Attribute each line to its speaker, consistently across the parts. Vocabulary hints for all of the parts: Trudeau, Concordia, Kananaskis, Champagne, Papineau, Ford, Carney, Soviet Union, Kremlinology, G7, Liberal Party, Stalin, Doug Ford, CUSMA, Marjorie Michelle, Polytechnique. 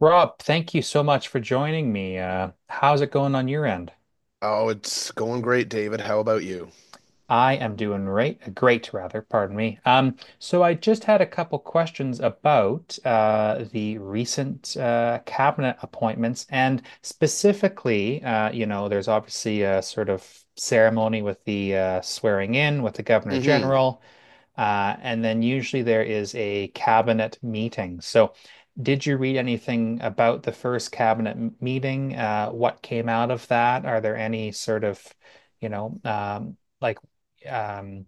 Speaker 1: Rob, thank you so much for joining me. How's it going on your end?
Speaker 2: Oh, it's going great, David. How about you?
Speaker 1: I am doing great, great rather, pardon me. So I just had a couple questions about the recent cabinet appointments, and specifically, you know, there's obviously a sort of ceremony with the swearing in with the governor
Speaker 2: Mm-hmm.
Speaker 1: general, and then usually there is a cabinet meeting. So, did you read anything about the first meeting? What came out of that? Are there any sort of, you know, um, like um,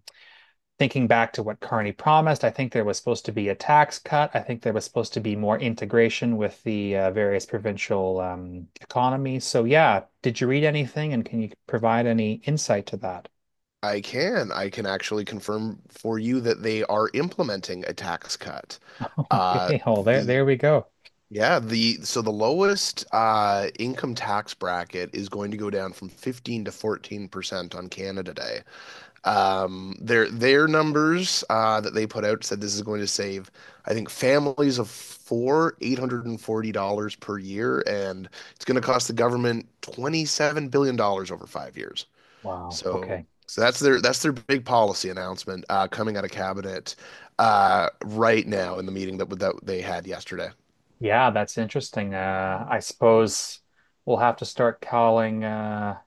Speaker 1: thinking back to what Carney promised? I think there was supposed to be a tax cut. I think there was supposed to be more integration with the various provincial economies. So yeah, did you read anything, and can you provide any insight to that?
Speaker 2: I can. I can actually confirm for you that they are implementing a tax cut.
Speaker 1: Okay, well, there
Speaker 2: The
Speaker 1: there we go.
Speaker 2: Yeah. The lowest income tax bracket is going to go down from 15 to 14% on Canada Day. Their numbers that they put out said this is going to save, I think, families of four, $840 per year, and it's going to cost the government $27 billion dollars over 5 years.
Speaker 1: Wow.
Speaker 2: So,
Speaker 1: Okay.
Speaker 2: so that's their big policy announcement coming out of cabinet right now in the meeting that they had yesterday.
Speaker 1: Yeah, that's interesting. I suppose we'll have to start calling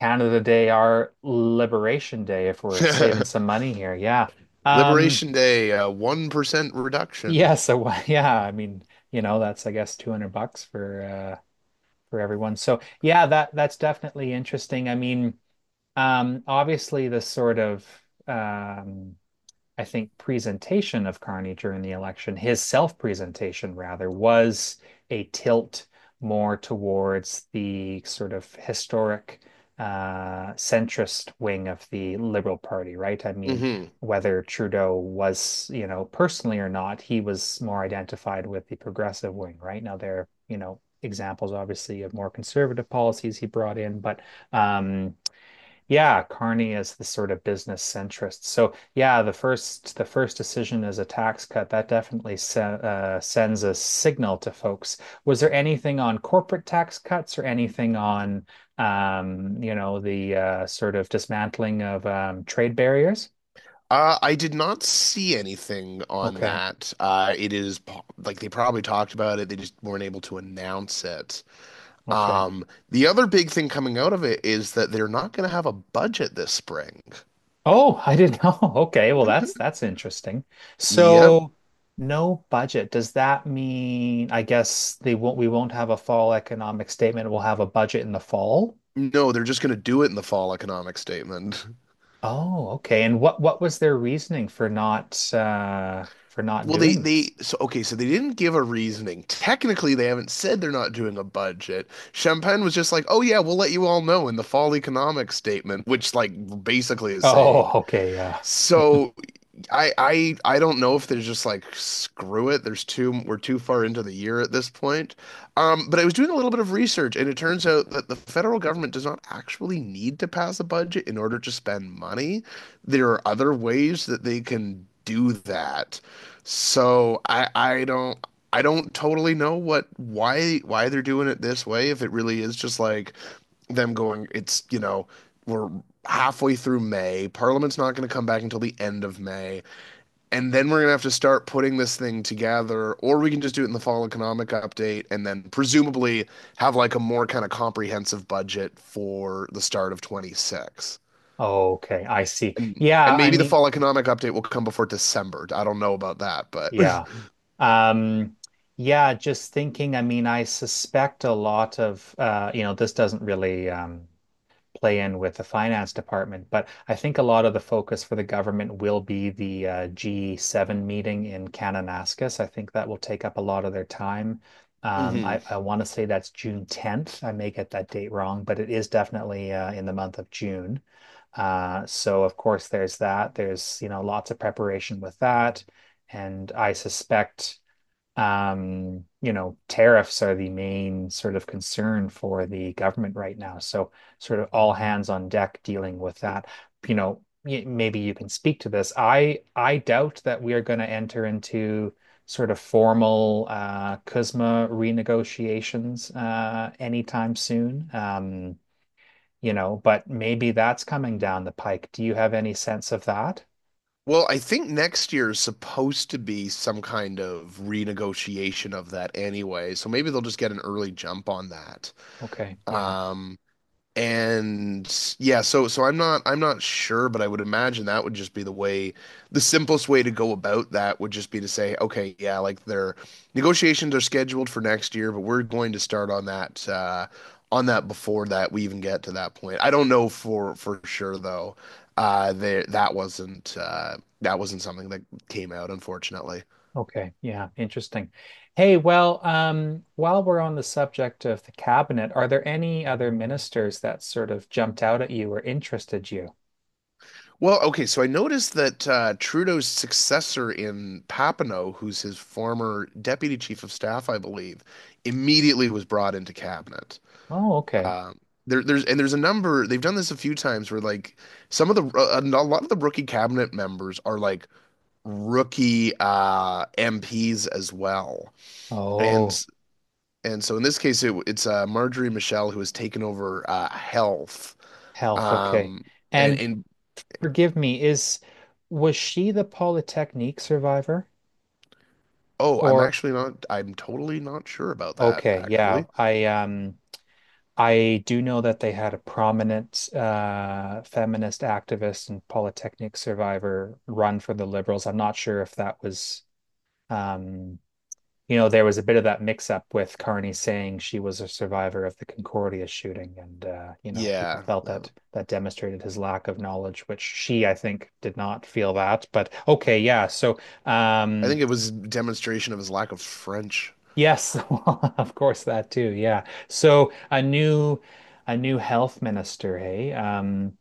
Speaker 1: Canada Day our Liberation Day if we're saving some money here. Yeah. Um,
Speaker 2: Liberation Day, 1% reduction.
Speaker 1: Yeah, so yeah, I mean, you know, that's I guess 200 bucks for everyone. So, yeah, that that's definitely interesting. I mean, obviously the sort of um I think, presentation of Carney during the election, his self presentation rather, was a tilt more towards the sort of historic centrist wing of the Liberal Party, right? I mean,
Speaker 2: Hmm.
Speaker 1: whether Trudeau was, you know, personally or not, he was more identified with the progressive wing, right? Now, there are, you know, examples obviously of more conservative policies he brought in, but um, yeah, Carney is the sort of business centrist. So yeah, the first decision is a tax cut. That definitely se sends a signal to folks. Was there anything on corporate tax cuts or anything on you know, the sort of dismantling of trade barriers?
Speaker 2: I did not see anything on
Speaker 1: Okay.
Speaker 2: that. Like they probably talked about it, they just weren't able to announce it.
Speaker 1: Okay.
Speaker 2: Um, the other big thing coming out of it is that they're not going to have a budget this spring.
Speaker 1: Oh, I didn't know. Okay, well that's interesting.
Speaker 2: Yep.
Speaker 1: So no budget. Does that mean I guess they won't we won't have a fall economic statement? We'll have a budget in the fall?
Speaker 2: No, they're just going to do it in the fall economic statement.
Speaker 1: Oh, okay. And what was their reasoning for not
Speaker 2: Well, they
Speaker 1: doing
Speaker 2: they
Speaker 1: this?
Speaker 2: so okay, so they didn't give a reasoning. Technically, they haven't said they're not doing a budget. Champagne was just like, "Oh yeah, we'll let you all know in the fall economic statement," which, like, basically is saying.
Speaker 1: Oh, okay, yeah.
Speaker 2: So I don't know if there's just, like, screw it. There's too We're too far into the year at this point. But I was doing a little bit of research, and it turns out that the federal government does not actually need to pass a budget in order to spend money. There are other ways that they can do that. So I don't totally know what why they're doing it this way. If it really is just like them going, it's you know we're halfway through May. Parliament's not going to come back until the end of May. And then we're gonna have to start putting this thing together, or we can just do it in the fall economic update and then presumably have, like, a more kind of comprehensive budget for the start of 26.
Speaker 1: Okay, I see.
Speaker 2: And
Speaker 1: Yeah,
Speaker 2: and
Speaker 1: I
Speaker 2: maybe the
Speaker 1: mean,
Speaker 2: fall economic update will come before December. I don't know about that, but
Speaker 1: yeah. Um, yeah, just thinking, I mean, I suspect a lot of you know, this doesn't really play in with the finance department. But I think a lot of the focus for the government will be the G7 meeting in Kananaskis. I think that will take up a lot of their time.
Speaker 2: Mhm.
Speaker 1: I want to say that's June 10th. I may get that date wrong, but it is definitely in the month of June. So of course there's that. There's, you know, lots of preparation with that. And I suspect you know, tariffs are the main sort of concern for the government right now. So, sort of all hands on deck dealing with that. You know, maybe you can speak to this. I doubt that we are going to enter into sort of formal CUSMA renegotiations anytime soon. You know, but maybe that's coming down the pike. Do you have any sense of that?
Speaker 2: Well, I think next year is supposed to be some kind of renegotiation of that anyway, so maybe they'll just get an early jump on that.
Speaker 1: Okay, yeah.
Speaker 2: Um, And yeah, so I'm not sure, but I would imagine that would just be the way, the simplest way to go about that would just be to say, okay, yeah, like, their negotiations are scheduled for next year, but we're going to start on that before that we even get to that point. I don't know for sure though. There That wasn't something that came out, unfortunately.
Speaker 1: Okay, yeah, interesting. Hey, well, while we're on the subject of the cabinet, are there any other ministers that sort of jumped out at you or interested you?
Speaker 2: Well, okay, so I noticed that, Trudeau's successor in Papineau, who's his former deputy chief of staff, I believe, immediately was brought into cabinet.
Speaker 1: Oh, okay.
Speaker 2: Um, there, there's and there's a number. They've done this a few times where, like, some of the a lot of the rookie cabinet members are like rookie MPs as well,
Speaker 1: Oh,
Speaker 2: and and so in this case it, it's Marjorie Michelle who has taken over health.
Speaker 1: health, okay.
Speaker 2: Um,
Speaker 1: And
Speaker 2: and
Speaker 1: forgive me, is was she the Polytechnique survivor?
Speaker 2: Oh,
Speaker 1: Or
Speaker 2: I'm totally not sure about that,
Speaker 1: okay, yeah,
Speaker 2: actually.
Speaker 1: I do know that they had a prominent feminist activist and Polytechnique survivor run for the Liberals. I'm not sure if that was. Um, you know, there was a bit of that mix up with Carney saying she was a survivor of the Concordia shooting, and you know, people
Speaker 2: Yeah,
Speaker 1: felt that
Speaker 2: no.
Speaker 1: that demonstrated his lack of knowledge, which she, I think, did not feel that. But okay, yeah. So,
Speaker 2: I
Speaker 1: um,
Speaker 2: think it was demonstration of his lack of French.
Speaker 1: yes, of course, that too. Yeah. So a new health minister, hey.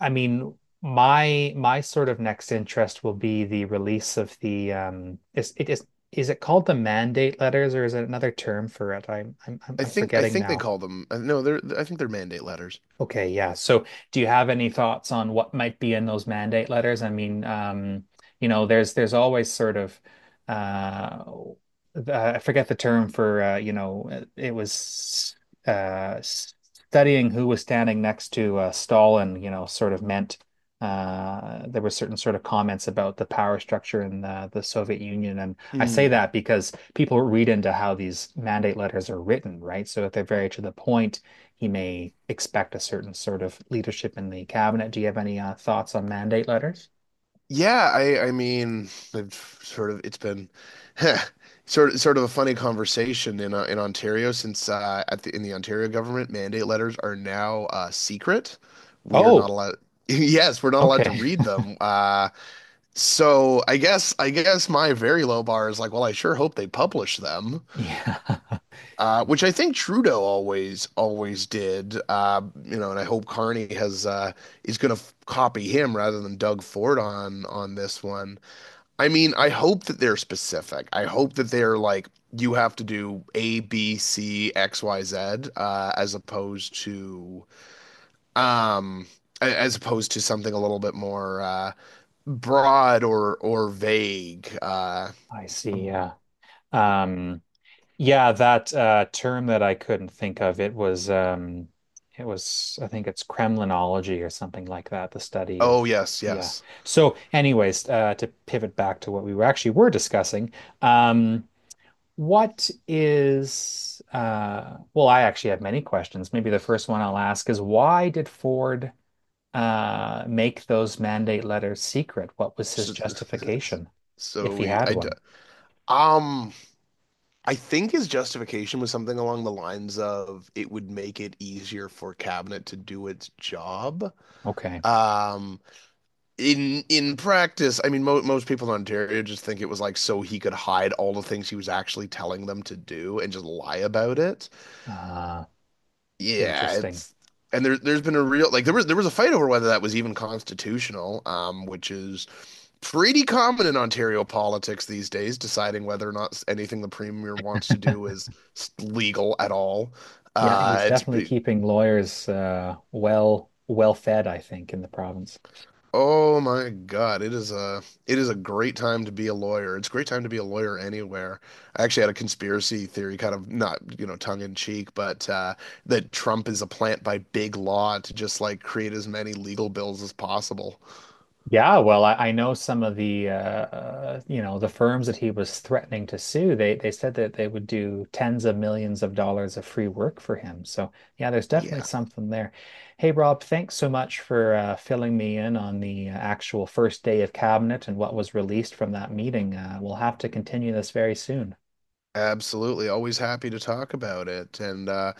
Speaker 1: I mean, my sort of next interest will be the release of the is it called the mandate letters or is it another term for it? I'm I'm I'm
Speaker 2: I
Speaker 1: I'm
Speaker 2: think I
Speaker 1: forgetting
Speaker 2: think they
Speaker 1: now.
Speaker 2: call them no, they're I think they're mandate letters.
Speaker 1: Okay, yeah. So do you have any thoughts on what might be in those mandate letters? I mean, you know, there's always sort of uh I forget the term for you know, it was studying who was standing next to Stalin, you know, sort of meant there were certain sort of comments about the power structure in the Soviet Union. And I say
Speaker 2: Hmm.
Speaker 1: that because people read into how these mandate letters are written, right? So if they're very to the point he may expect a certain sort of leadership in the cabinet. Do you have any thoughts on mandate letters?
Speaker 2: Yeah, I mean, I've sort of it's been sort of a funny conversation in, in Ontario since, at the in the Ontario government, mandate letters are now, secret. We are not
Speaker 1: Oh,
Speaker 2: allowed. Yes, we're not allowed to
Speaker 1: okay.
Speaker 2: read them. So I guess my very low bar is, like, well, I sure hope they publish them,
Speaker 1: Yeah,
Speaker 2: which I think Trudeau always did. And I hope Carney has is going to copy him rather than Doug Ford on this one. I mean, I hope that they're specific. I hope that they're like, you have to do A, B, C, X, Y, Z, uh, as opposed to um, as opposed to something a little bit more broad or vague.
Speaker 1: I see. Yeah. Um, yeah, that term that I couldn't think of, it was I think it's Kremlinology or something like that, the study of
Speaker 2: Oh yes,
Speaker 1: yeah.
Speaker 2: yes.
Speaker 1: So anyways, to pivot back to what we were actually were discussing, um, what is, well, I actually have many questions. Maybe the first one I'll ask is why did Ford make those mandate letters secret? What was his
Speaker 2: So,
Speaker 1: justification,
Speaker 2: so
Speaker 1: if he
Speaker 2: we,
Speaker 1: had
Speaker 2: I, d-
Speaker 1: one?
Speaker 2: um, I think his justification was something along the lines of it would make it easier for cabinet to do its job.
Speaker 1: Okay.
Speaker 2: Um, in practice, I mean, mo most people in Ontario just think it was, like, so he could hide all the things he was actually telling them to do and just lie about it.
Speaker 1: Uh,
Speaker 2: Yeah,
Speaker 1: Interesting.
Speaker 2: it's. And there's been a real, like, there was a fight over whether that was even constitutional, which is pretty common in Ontario politics these days, deciding whether or not anything the premier wants to do is legal at all.
Speaker 1: Yeah,
Speaker 2: Uh,
Speaker 1: he's
Speaker 2: it's
Speaker 1: definitely
Speaker 2: be-
Speaker 1: keeping lawyers well well fed, I think, in the province.
Speaker 2: oh my God, it is a great time to be a lawyer. It's a great time to be a lawyer anywhere. I actually had a conspiracy theory, kind of not, tongue in cheek, but that Trump is a plant by big law to just, like, create as many legal bills as possible.
Speaker 1: Yeah, well, I know some of the you know, the firms that he was threatening to sue. They said that they would do tens of millions of dollars of free work for him. So yeah, there's definitely
Speaker 2: Yeah.
Speaker 1: something there. Hey, Rob, thanks so much for filling me in on the actual first day of cabinet and what was released from that meeting. We'll have to continue this very soon.
Speaker 2: Absolutely. Always happy to talk about it. And uh,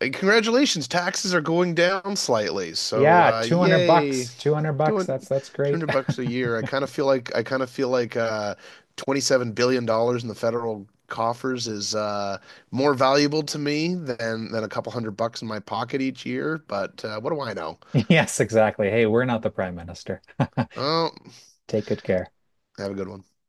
Speaker 2: And congratulations, taxes are going down slightly. So,
Speaker 1: Yeah, 200
Speaker 2: yay.
Speaker 1: bucks, 200 bucks.
Speaker 2: Doing
Speaker 1: That's great.
Speaker 2: 200 bucks a year. I kind of feel like $27 billion in the federal coffers is more valuable to me than a couple hundred bucks in my pocket each year, but what do I know?
Speaker 1: Yes, exactly. Hey, we're not the prime minister.
Speaker 2: Oh,
Speaker 1: Take good care.
Speaker 2: have a good one.